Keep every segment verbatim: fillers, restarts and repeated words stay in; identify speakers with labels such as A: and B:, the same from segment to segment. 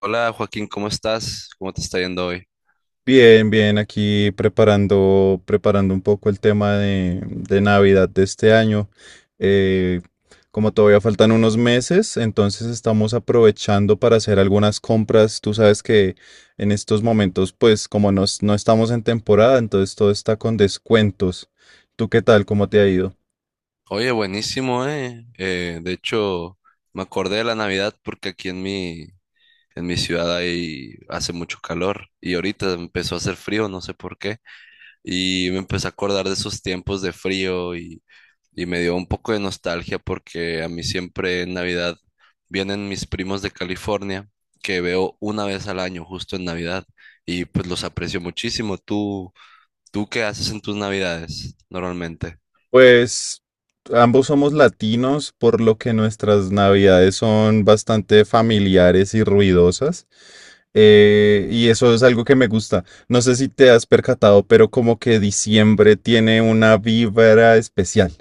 A: Hola Joaquín, ¿cómo estás? ¿Cómo te está yendo hoy?
B: Bien, bien, aquí preparando, preparando un poco el tema de, de Navidad de este año. Eh, como todavía faltan unos meses, entonces estamos aprovechando para hacer algunas compras. Tú sabes que en estos momentos, pues como nos- no estamos en temporada, entonces todo está con descuentos. ¿Tú qué tal? ¿Cómo te ha ido?
A: Oye, buenísimo, ¿eh? Eh, de hecho, me acordé de la Navidad porque aquí en mi, en mi ciudad ahí hace mucho calor y ahorita empezó a hacer frío, no sé por qué, y me empecé a acordar de esos tiempos de frío y, y me dio un poco de nostalgia porque a mí siempre en Navidad vienen mis primos de California que veo una vez al año justo en Navidad y pues los aprecio muchísimo. ¿Tú? ¿Tú qué haces en tus navidades normalmente?
B: Pues ambos somos latinos, por lo que nuestras navidades son bastante familiares y ruidosas. eh, y eso es algo que me gusta. No sé si te has percatado, pero como que diciembre tiene una vibra especial,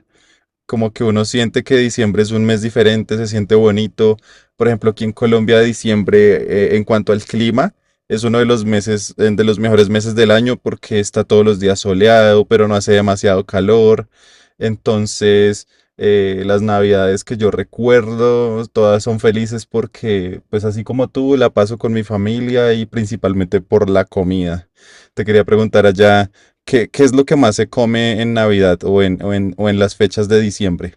B: como que uno siente que diciembre es un mes diferente, se siente bonito. Por ejemplo, aquí en Colombia, diciembre, eh, en cuanto al clima, es uno de los meses, eh, de los mejores meses del año porque está todos los días soleado, pero no hace demasiado calor. Entonces, eh, las navidades que yo recuerdo, todas son felices porque, pues así como tú, la paso con mi familia y principalmente por la comida. Te quería preguntar allá. ¿Qué, qué es lo que más se come en Navidad o en, o en, o en las fechas de diciembre?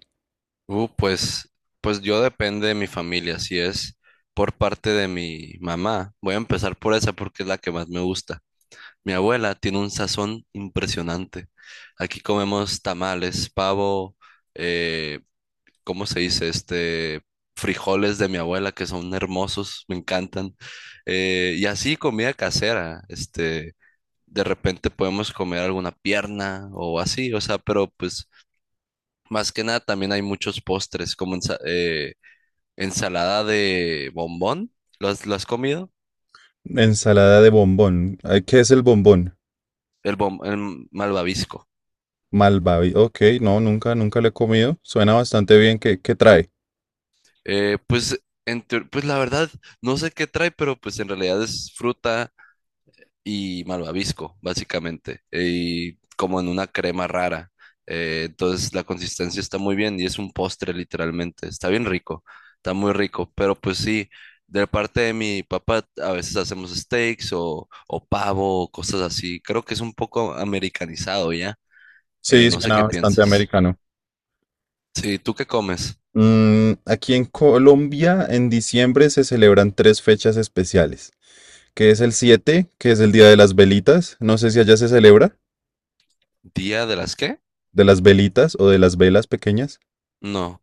A: Uh, pues, pues yo depende de mi familia. Si es por parte de mi mamá, voy a empezar por esa porque es la que más me gusta. Mi abuela tiene un sazón impresionante. Aquí comemos tamales, pavo, eh, ¿cómo se dice? Este, frijoles de mi abuela que son hermosos, me encantan. Eh, y así comida casera, este, de repente podemos comer alguna pierna o así, o sea, pero pues más que nada, también hay muchos postres, como ensa- eh, ensalada de bombón. ¿Lo has, lo has comido?
B: Ensalada de bombón. Ay, ¿qué es el bombón?
A: El, bom- el malvavisco.
B: Malvavi. Ok, no, nunca, nunca lo he comido. Suena bastante bien. ¿Qué, qué trae?
A: Eh, pues, en teo- pues la verdad, no sé qué trae, pero pues en realidad es fruta. Y malvavisco, básicamente, y como en una crema rara. Eh, entonces la consistencia está muy bien y es un postre literalmente. Está bien rico, está muy rico, pero pues sí, de parte de mi papá a veces hacemos steaks o, o pavo o cosas así. Creo que es un poco americanizado ya. Eh,
B: Sí,
A: no sé
B: suena
A: qué
B: bastante
A: pienses.
B: americano.
A: Sí, ¿tú qué comes?
B: Mm, aquí en Colombia, en diciembre se celebran tres fechas especiales, que es el siete, que es el Día de las Velitas. No sé si allá se celebra
A: ¿Día de las qué?
B: de las velitas o de las velas pequeñas.
A: No.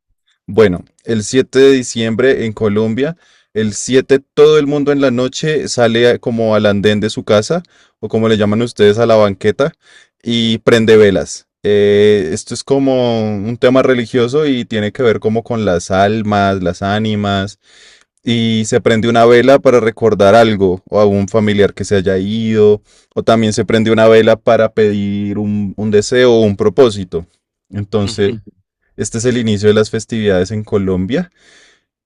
B: Bueno, el siete de diciembre en Colombia, el siete, todo el mundo en la noche sale a- como al andén de su casa, o como le llaman ustedes a la banqueta, y prende velas. Eh, esto es como un tema religioso y tiene que ver como con las almas, las ánimas, y se prende una vela para recordar algo o a un familiar que se haya ido, o también se prende una vela para pedir un, un deseo o un propósito. Entonces.
A: Ujú.
B: Este es el inicio de las festividades en Colombia.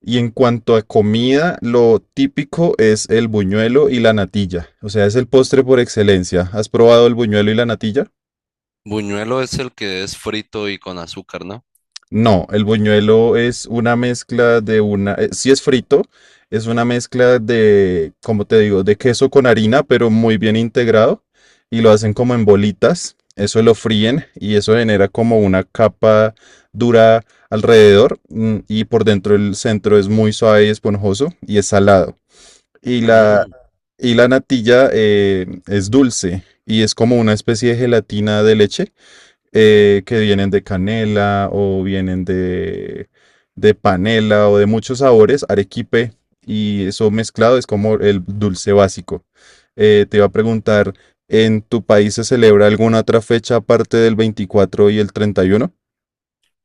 B: Y en cuanto a comida, lo típico es el buñuelo y la natilla. O sea, es el postre por excelencia. ¿Has probado el buñuelo y la natilla?
A: Buñuelo es el que es frito y con azúcar, ¿no?
B: No, el buñuelo es una mezcla de una, eh, si es frito, es una mezcla de, como te digo, de queso con harina, pero muy bien integrado y lo hacen como en bolitas. Eso lo fríen y eso genera como una capa dura alrededor mm, y por dentro el centro es muy suave y esponjoso y es salado. Y la,
A: Mm.
B: y la natilla eh, es dulce y es como una especie de gelatina de leche eh, que vienen de canela o vienen de, de panela o de muchos sabores, arequipe, y eso mezclado es como el dulce básico. Eh, te iba a preguntar, ¿en tu país se celebra alguna otra fecha aparte del veinticuatro y el treinta y uno?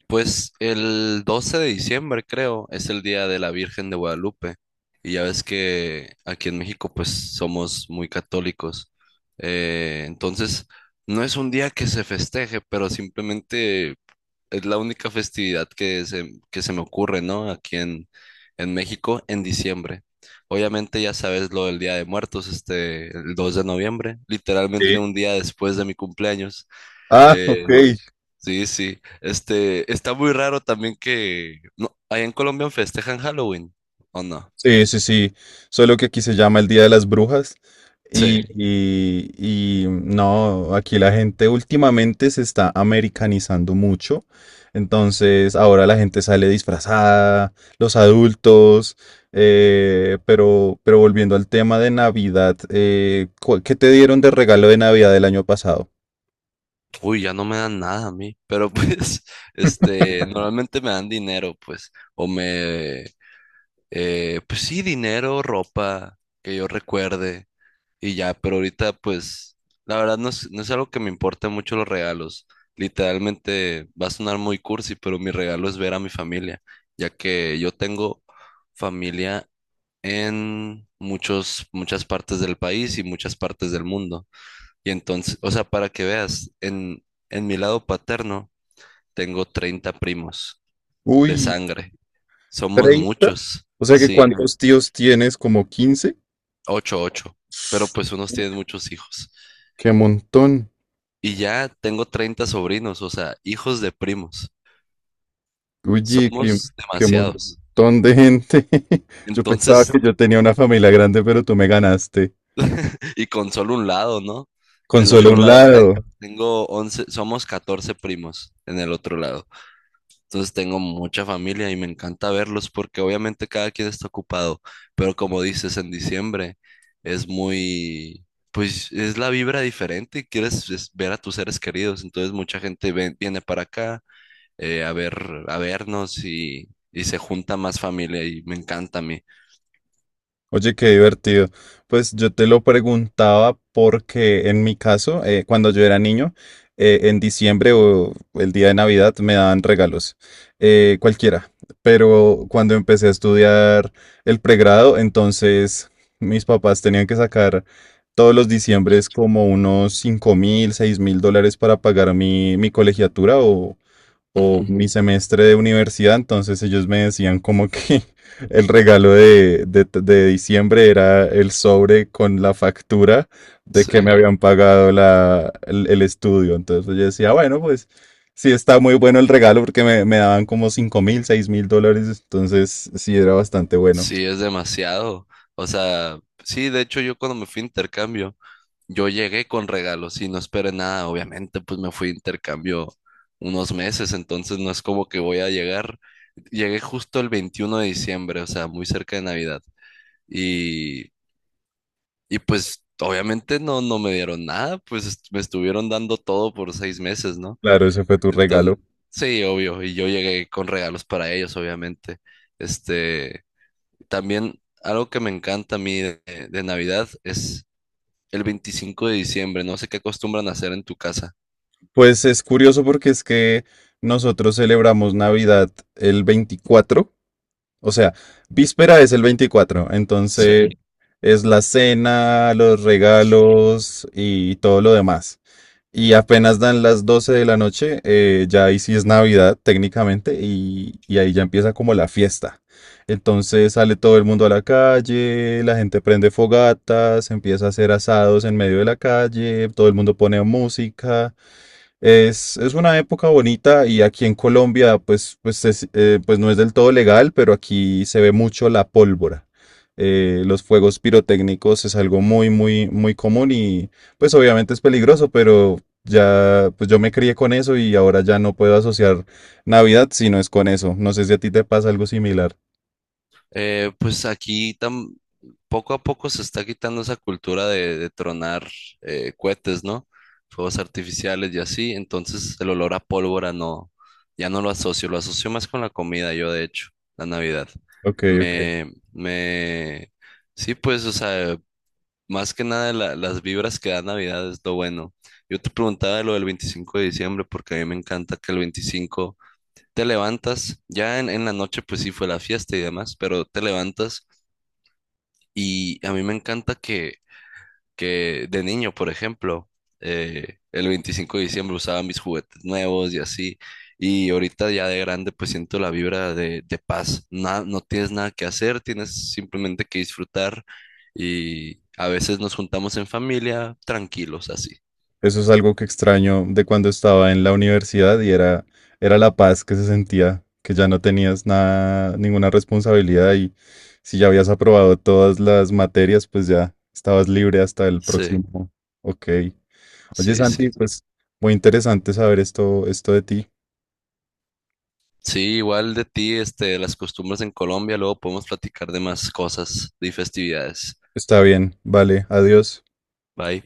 A: Pues el doce de diciembre, creo, es el día de la Virgen de Guadalupe. Y ya ves que aquí en México, pues somos muy católicos. Eh, entonces, no es un día que se festeje, pero simplemente es la única festividad que se, que se me ocurre, ¿no? Aquí en, en México, en diciembre. Obviamente ya sabes lo del Día de Muertos, este, el dos de noviembre,
B: Sí.
A: literalmente un día después de mi cumpleaños.
B: Ah, ok.
A: Eh,
B: Ajá.
A: Sí, sí. Este, está muy raro también que no, allá en Colombia festejan Halloween, ¿o no?
B: Sí, sí, sí. Solo que aquí se llama el Día de las Brujas.
A: Sí.
B: Y, y- y, mm, no, aquí la gente últimamente se está americanizando mucho. Entonces, ahora la gente sale disfrazada, los adultos. eh, pero, pero volviendo al tema de Navidad, eh, ¿cu- ¿qué te dieron de regalo de Navidad del año pasado?
A: Uy, ya no me dan nada a mí, pero pues, este, normalmente me dan dinero, pues, o me, eh, pues sí, dinero, ropa, que yo recuerde, y ya, pero ahorita, pues, la verdad no es, no es algo que me importe mucho los regalos. Literalmente, va a sonar muy cursi, pero mi regalo es ver a mi familia, ya que yo tengo familia en muchos, muchas partes del país y muchas partes del mundo. Y entonces, o sea, para que veas, en, en mi lado paterno tengo treinta primos de
B: Uy,
A: sangre. Somos
B: treinta.
A: muchos,
B: O sea que,
A: sí,
B: ¿cuántos tíos tienes? ¿Como quince?
A: ocho ocho, pero pues unos tienen muchos hijos.
B: ¡Qué montón!
A: Y ya tengo treinta sobrinos, o sea, hijos de primos.
B: Oye, qué,
A: Somos
B: qué
A: demasiados.
B: montón de gente. Yo pensaba que
A: Entonces,
B: yo tenía una familia grande, pero tú me ganaste.
A: y con solo un lado, ¿no?
B: Con
A: Del
B: solo
A: otro
B: un
A: lado ten-
B: lado.
A: tengo once, somos catorce primos en el otro lado. Entonces tengo mucha familia y me encanta verlos porque obviamente cada quien está ocupado, pero como dices, en diciembre es muy, pues es la vibra diferente y quieres es- ver a tus seres queridos, entonces mucha gente ven- viene para acá eh, a ver, a vernos y, y se junta más familia y me encanta a mí.
B: Oye, qué divertido. Pues yo te lo preguntaba porque en mi caso, eh, cuando yo era niño, eh, en diciembre o el día de Navidad me daban regalos, eh, cualquiera. Pero cuando empecé a estudiar el pregrado, entonces mis papás tenían que sacar todos los diciembres como unos cinco mil, seis mil dólares para pagar mi, mi colegiatura o
A: Ujú.
B: o mi semestre de universidad, entonces ellos me decían como que el regalo de, de- de diciembre era el sobre con la factura de que me
A: Sí,
B: habían pagado la- el, el estudio. Entonces yo decía, bueno, pues. Sí, está muy bueno el regalo porque me, me daban como cinco mil, seis mil dólares, entonces sí era bastante bueno.
A: sí, es demasiado. O sea, sí, de hecho yo cuando me fui a intercambio, yo llegué con regalos y no esperé nada, obviamente, pues me fui de intercambio unos meses, entonces no es como que voy a llegar. Llegué justo el veintiuno de diciembre, o sea, muy cerca de Navidad. Y, y pues obviamente no, no me dieron nada, pues est- me estuvieron dando todo por seis meses, ¿no?
B: Claro, ese fue tu
A: Entonces,
B: regalo.
A: sí, obvio, y yo llegué con regalos para ellos, obviamente. Este, también algo que me encanta a mí de, de Navidad es el veinticinco de diciembre, no sé qué acostumbran a hacer en tu casa.
B: Pues es curioso porque es que nosotros celebramos Navidad el veinticuatro. O sea, víspera es el veinticuatro,
A: Sí.
B: entonces. Sí. Es la cena, los regalos y todo lo demás. Y apenas dan las doce de la noche, eh, ya ahí sí es Navidad técnicamente y, y ahí ya empieza como la fiesta. Entonces sale todo el mundo a la calle, la gente prende fogatas, empieza a hacer asados en medio de la calle, todo el mundo pone música. Es, es una época bonita y aquí en Colombia pues, pues, es, eh, pues no es del todo legal, pero aquí se ve mucho la pólvora. Eh, los fuegos pirotécnicos es algo muy, muy, muy común y pues obviamente es peligroso, pero ya pues yo me crié con eso y ahora ya no puedo asociar Navidad si no es con eso. No sé si a ti te pasa algo similar.
A: Eh, pues aquí tam- poco a poco se está quitando esa cultura de, de tronar eh, cohetes, ¿no? Fuegos artificiales y así. Entonces el olor a pólvora no, ya no lo asocio, lo asocio más con la comida, yo de hecho, la Navidad.
B: Ok, ok.
A: Me, me, sí, pues, o sea, más que nada la- las vibras que da Navidad es lo bueno. Yo te preguntaba de lo del veinticinco de diciembre porque a mí me encanta que el veinticinco te levantas, ya en, en la noche pues sí fue la fiesta y demás, pero te levantas y a mí me encanta que, que de niño, por ejemplo, eh, el veinticinco de diciembre usaba mis juguetes nuevos y así, y ahorita ya de grande pues siento la vibra de, de paz. Na- no tienes nada que hacer, tienes simplemente que disfrutar y a veces nos juntamos en familia tranquilos así.
B: Eso es algo que extraño de cuando estaba en la universidad y era, era la paz que se sentía, que ya no tenías nada, ninguna responsabilidad y si ya habías aprobado todas las materias, pues ya estabas libre hasta el
A: Sí,
B: próximo. Ok. Oye,
A: sí, sí.
B: Santi, pues muy interesante saber esto, esto de ti.
A: Sí, igual de ti, este, las costumbres en Colombia, luego podemos platicar de más cosas y festividades.
B: Está bien, vale, adiós.
A: Bye.